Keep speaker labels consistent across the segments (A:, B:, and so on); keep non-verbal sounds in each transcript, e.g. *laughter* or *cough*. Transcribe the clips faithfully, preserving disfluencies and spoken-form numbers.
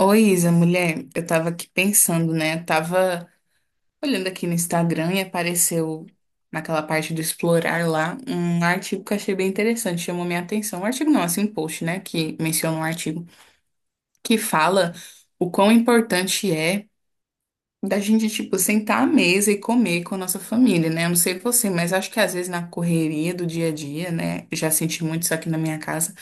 A: Oi, Isa, mulher, eu tava aqui pensando, né? Tava olhando aqui no Instagram e apareceu naquela parte do explorar lá um artigo que eu achei bem interessante, chamou minha atenção. Um artigo não, assim, um post, né? Que menciona um artigo que fala o quão importante é da gente, tipo, sentar à mesa e comer com a nossa família, né? Eu não sei você, mas acho que às vezes na correria do dia a dia, né? eu Já senti muito isso aqui na minha casa.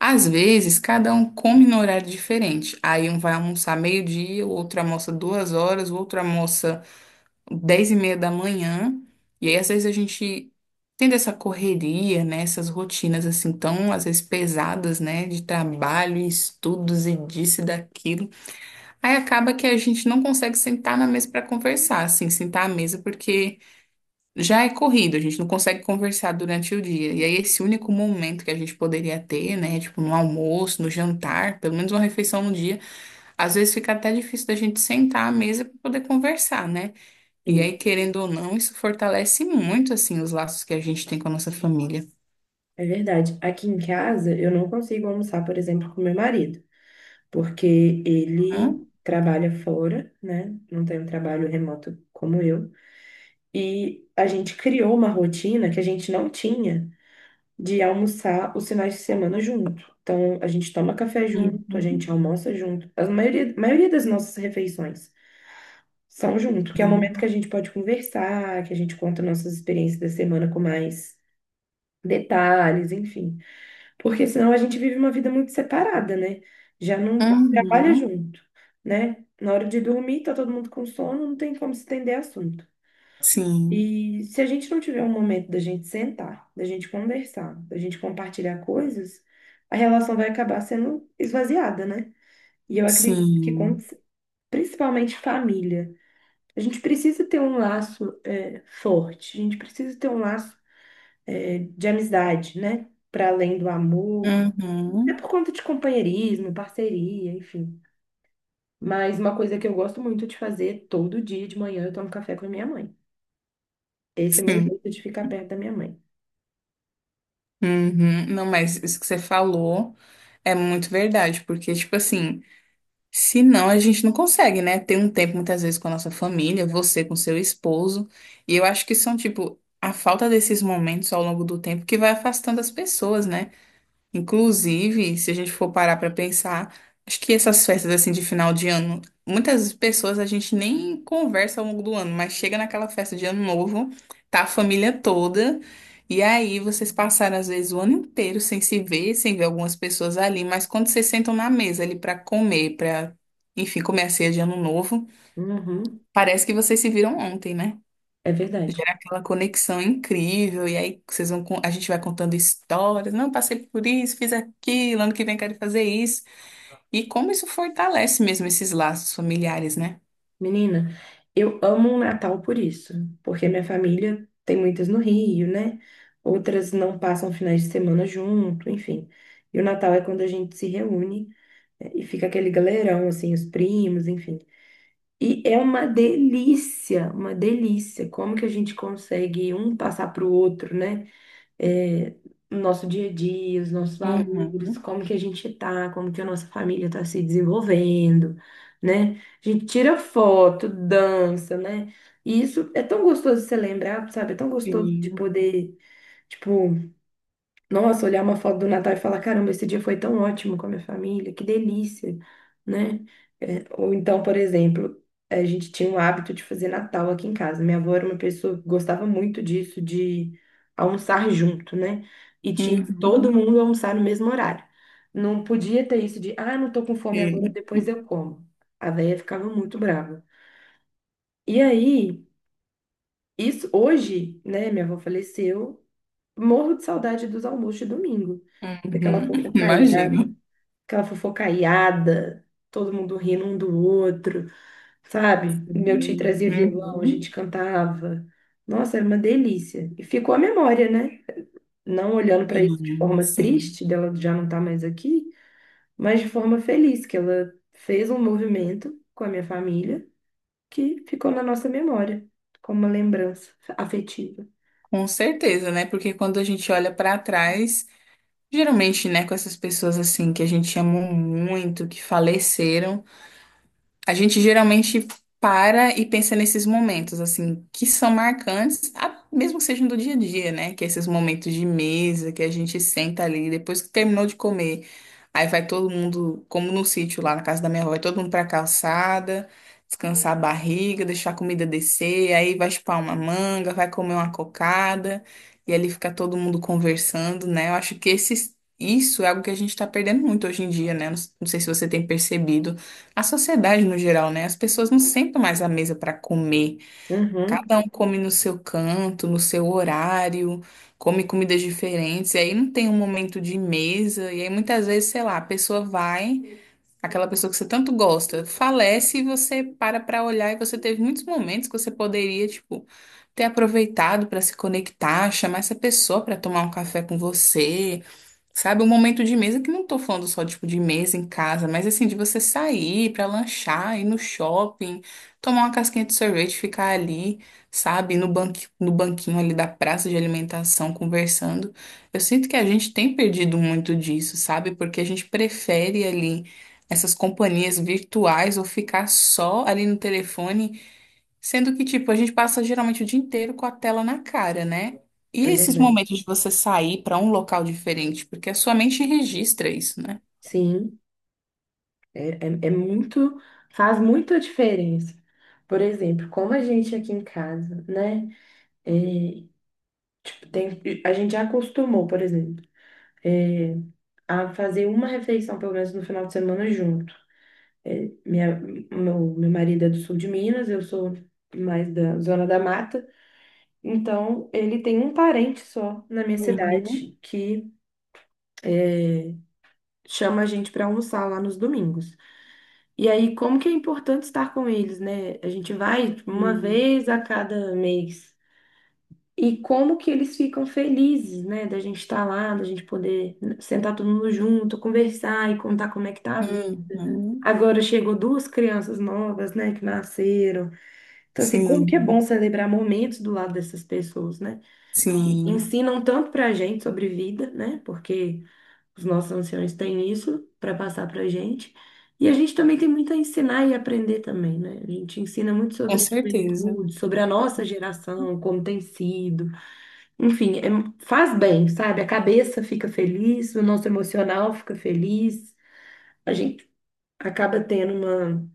A: Às vezes, cada um come no horário diferente. Aí um vai almoçar meio-dia, o outro almoça duas horas, o outro almoça dez e meia da manhã. E aí, às vezes, a gente tendo essa correria, né? Essas rotinas, assim, tão, às vezes, pesadas, né? De trabalho, e estudos e disso e daquilo. Aí acaba que a gente não consegue sentar na mesa para conversar, assim, sentar à mesa, porque... Já é corrido, a gente não consegue conversar durante o dia. E aí, esse único momento que a gente poderia ter, né? Tipo, no almoço, no jantar, pelo menos uma refeição no dia, às vezes fica até difícil da gente sentar à mesa para poder conversar, né? E aí,
B: Sim,
A: querendo ou não, isso fortalece muito, assim, os laços que a gente tem com a nossa família.
B: é verdade. Aqui em casa, eu não consigo almoçar, por exemplo, com meu marido, porque
A: Hã?
B: ele trabalha fora, né? Não tem um trabalho remoto como eu. E a gente criou uma rotina que a gente não tinha de almoçar os finais de semana junto. Então, a gente toma café junto, a gente
A: Uhum.
B: almoça junto. A maioria, a maioria das nossas refeições são junto, que é o momento que a
A: Sim.
B: gente pode conversar, que a gente conta nossas experiências da semana com mais detalhes, enfim. Porque senão a gente vive uma vida muito separada, né? Já não trabalha
A: Uhum.
B: junto, né? Na hora de dormir, tá todo mundo com sono, não tem como se estender assunto.
A: Sim.
B: E se a gente não tiver um momento da gente sentar, da gente conversar, da gente compartilhar coisas, a relação vai acabar sendo esvaziada, né? E eu acredito que, com-
A: Sim.
B: principalmente família, a gente precisa ter um laço, eh, forte, a gente precisa ter um laço é, de amizade, né? Para além do amor. É por
A: Uhum.
B: conta de companheirismo, parceria, enfim. Mas uma coisa que eu gosto muito de fazer todo dia de manhã, eu tomo café com a minha mãe. Esse é meu
A: Sim.
B: jeito de ficar perto da minha mãe.
A: Uhum. Não, mas isso que você falou é muito verdade, porque, tipo assim. Se não, a gente não consegue, né? Ter um tempo muitas vezes com a nossa família, você com seu esposo. E eu acho que são, tipo, a falta desses momentos ao longo do tempo que vai afastando as pessoas, né? Inclusive, se a gente for parar para pensar, acho que essas festas assim de final de ano, muitas pessoas a gente nem conversa ao longo do ano, mas chega naquela festa de ano novo, tá a família toda, e aí vocês passaram às vezes o ano inteiro sem se ver, sem ver algumas pessoas ali, mas quando vocês sentam na mesa ali para comer, para enfim, comer a ceia de ano novo,
B: Uhum,
A: parece que vocês se viram ontem, né?
B: é verdade.
A: Gera aquela conexão incrível, e aí vocês vão, con- a gente vai contando histórias. Não, passei por isso, fiz aquilo, ano que vem quero fazer isso. E como isso fortalece mesmo esses laços familiares, né?
B: Menina, eu amo o Natal por isso, porque minha família tem muitas no Rio, né? Outras não passam finais de semana junto, enfim. E o Natal é quando a gente se reúne, né, e fica aquele galerão, assim, os primos, enfim. E é uma delícia, uma delícia. Como que a gente consegue um passar para o outro, né? É, o nosso dia a dia, os nossos valores,
A: Uhum.
B: como que a gente tá, como que a nossa família está se desenvolvendo, né? A gente tira foto, dança, né? E isso é tão gostoso de você lembrar, sabe? É tão gostoso de
A: Sim.
B: poder, tipo, nossa, olhar uma foto do Natal e falar, caramba, esse dia foi tão ótimo com a minha família, que delícia, né? É, ou então, por exemplo, a gente tinha o hábito de fazer Natal aqui em casa. Minha avó era uma pessoa que gostava muito disso, de almoçar junto, né? E tinha todo
A: Uhum.
B: mundo almoçar no mesmo horário. Não podia ter isso de, ah, não tô com fome agora,
A: Sim.
B: depois eu como. A véia ficava muito brava. E aí, isso hoje, né? Minha avó faleceu. Morro de saudade dos almoços de domingo.
A: Uhum.
B: Daquela
A: Imagino.
B: fofocaiada, aquela fofocaiada, todo mundo rindo um do outro, sabe? Meu tio
A: Sim.
B: trazia violão, a gente
A: Uhum.
B: cantava. Nossa, era uma delícia. E ficou a memória, né? Não olhando para isso de
A: Sim,
B: forma
A: sim.
B: triste, dela já não tá mais aqui, mas de forma feliz, que ela fez um movimento com a minha família que ficou na nossa memória, como uma lembrança afetiva.
A: Com certeza, né? Porque quando a gente olha para trás, geralmente, né, com essas pessoas assim que a gente amou muito, que faleceram. A gente geralmente para e pensa nesses momentos, assim, que são marcantes, a- mesmo que sejam do dia a dia, né? Que é esses momentos de mesa, que a gente senta ali, depois que terminou de comer, aí vai todo mundo, como no sítio lá na casa da minha avó, vai todo mundo pra calçada, descansar a barriga, deixar a comida descer, aí vai chupar uma manga, vai comer uma cocada, e ali fica todo mundo conversando, né? Eu acho que esses, isso é algo que a gente tá perdendo muito hoje em dia, né? Não, não sei se você tem percebido a sociedade no geral, né? As pessoas não sentam mais à mesa para comer.
B: Uhum,
A: Cada um come no seu canto, no seu horário, come comidas diferentes. E aí não tem um momento de mesa. E aí muitas vezes, sei lá, a pessoa vai, aquela pessoa que você tanto gosta, falece e você para para olhar. E você teve muitos momentos que você poderia, tipo, ter aproveitado para se conectar, chamar essa pessoa para tomar um café com você. Sabe, um momento de mesa que não tô falando só, tipo, de mesa em casa, mas assim, de você sair pra lanchar, ir no shopping, tomar uma casquinha de sorvete, ficar ali, sabe, no banqui, no banquinho ali da praça de alimentação, conversando. Eu sinto que a gente tem perdido muito disso, sabe? Porque a gente prefere ali essas companhias virtuais ou ficar só ali no telefone. Sendo que, tipo, a gente passa geralmente o dia inteiro com a tela na cara, né? E
B: é
A: esses
B: verdade.
A: momentos de você sair para um local diferente, porque a sua mente registra isso, né?
B: Sim. É, é, é muito, faz muita diferença. Por exemplo, como a gente aqui em casa, né? é, tipo, tem, a gente já acostumou, por exemplo, é, a fazer uma refeição, pelo menos no final de semana, junto. É, minha, meu, meu marido é do sul de Minas, eu sou mais da zona da mata, então ele tem um parente só na minha
A: Uhum.
B: cidade que é, chama a gente para almoçar lá nos domingos. E aí, como que é importante estar com eles, né? A gente vai tipo, uma
A: Hum.
B: vez a cada mês. E como que eles ficam felizes, né? Da gente estar lá, da gente poder sentar todo mundo junto, conversar e contar como é que tá a vida.
A: Uhum.
B: Agora chegou duas crianças novas, né, que nasceram. Então, assim, como que é bom
A: Sim,
B: celebrar momentos do lado dessas pessoas, né? Que
A: sim,
B: ensinam tanto pra gente sobre vida, né? Porque os nossos anciões têm isso para passar para a gente. E a gente também tem muito a ensinar e aprender também, né? A gente ensina muito
A: com
B: sobre
A: certeza.
B: juventude, sobre a nossa geração, como tem sido. Enfim, é- faz bem, sabe? A cabeça fica feliz, o nosso emocional fica feliz. A gente acaba tendo uma...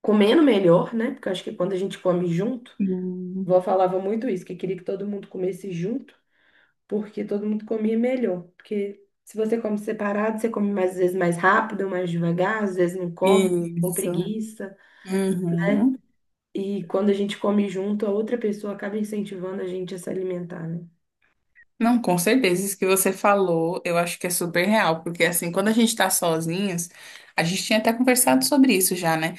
B: comendo melhor, né? Porque eu acho que quando a gente come junto,
A: Sim.
B: vó falava muito isso, que queria que todo mundo comesse junto. Porque todo mundo comia melhor. Porque se você come separado, você come mais, às vezes mais rápido, mais devagar, às vezes não come, com
A: Isso.
B: preguiça, né?
A: Uhum.
B: E quando a gente come junto, a outra pessoa acaba incentivando a gente a se alimentar, né?
A: Não, com certeza, isso que você falou, eu acho que é super real, porque assim, quando a gente tá sozinhas, a gente tinha até conversado sobre isso já, né?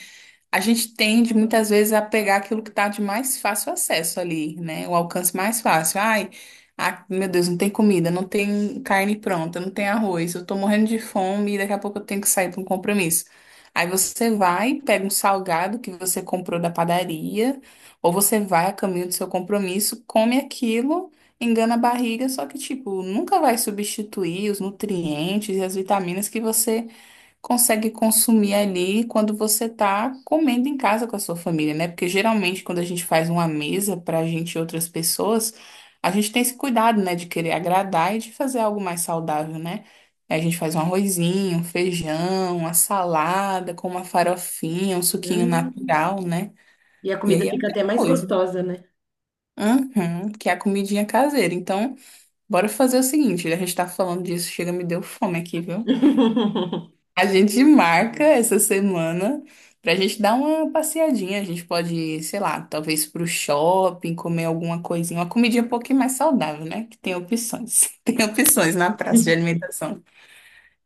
A: A gente tende muitas vezes a pegar aquilo que está de mais fácil acesso ali, né? O alcance mais fácil. Ai, ah, meu Deus, não tem comida, não tem carne pronta, não tem arroz, eu tô morrendo de fome e daqui a pouco eu tenho que sair para um compromisso. Aí você vai, pega um salgado que você comprou da padaria, ou você vai a caminho do seu compromisso, come aquilo, engana a barriga, só que, tipo, nunca vai substituir os nutrientes e as vitaminas que você consegue consumir ali quando você tá comendo em casa com a sua família, né? Porque geralmente quando a gente faz uma mesa pra gente e outras pessoas, a gente tem esse cuidado, né, de querer agradar e de fazer algo mais saudável, né? Aí A gente faz um arrozinho, um feijão, uma salada com uma farofinha, um suquinho
B: Hum.
A: natural, né?
B: E a
A: E
B: comida
A: aí é
B: fica
A: outra
B: até mais
A: coisa.
B: gostosa, né?
A: Uhum, que é a comidinha caseira. Então, bora fazer o seguinte, a gente tá falando disso, chega, me deu fome aqui, viu?
B: *laughs*
A: A gente marca essa semana pra gente dar uma passeadinha. A gente pode ir, sei lá, talvez pro shopping, comer alguma coisinha, uma comidinha um pouquinho mais saudável, né? Que tem opções. *laughs* Tem opções na praça de alimentação.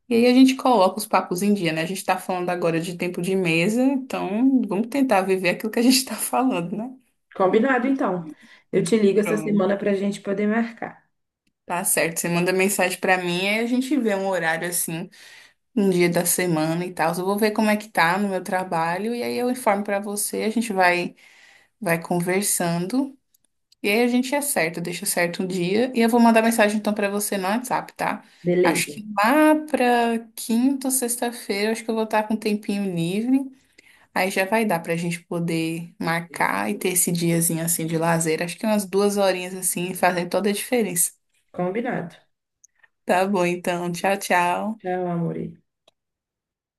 A: E aí a gente coloca os papos em dia, né? A gente tá falando agora de tempo de mesa, então vamos tentar viver aquilo que a gente tá falando, né?
B: Combinado, então. Eu te ligo essa
A: Pronto.
B: semana para a gente poder marcar.
A: Tá certo. Você manda mensagem pra mim aí a gente vê um horário assim um dia da semana e tal. Eu vou ver como é que tá no meu trabalho e aí eu informo pra você. A gente vai vai conversando. E aí a gente acerta, deixa certo um dia. E eu vou mandar mensagem então pra você no WhatsApp, tá? Acho
B: Beleza.
A: que lá pra quinta ou sexta-feira, acho que eu vou estar com um tempinho livre. Aí já vai dar pra gente poder marcar e ter esse diazinho assim de lazer. Acho que umas duas horinhas assim fazem toda a diferença.
B: Combinado.
A: Tá bom, então. Tchau, tchau.
B: Tchau, amor.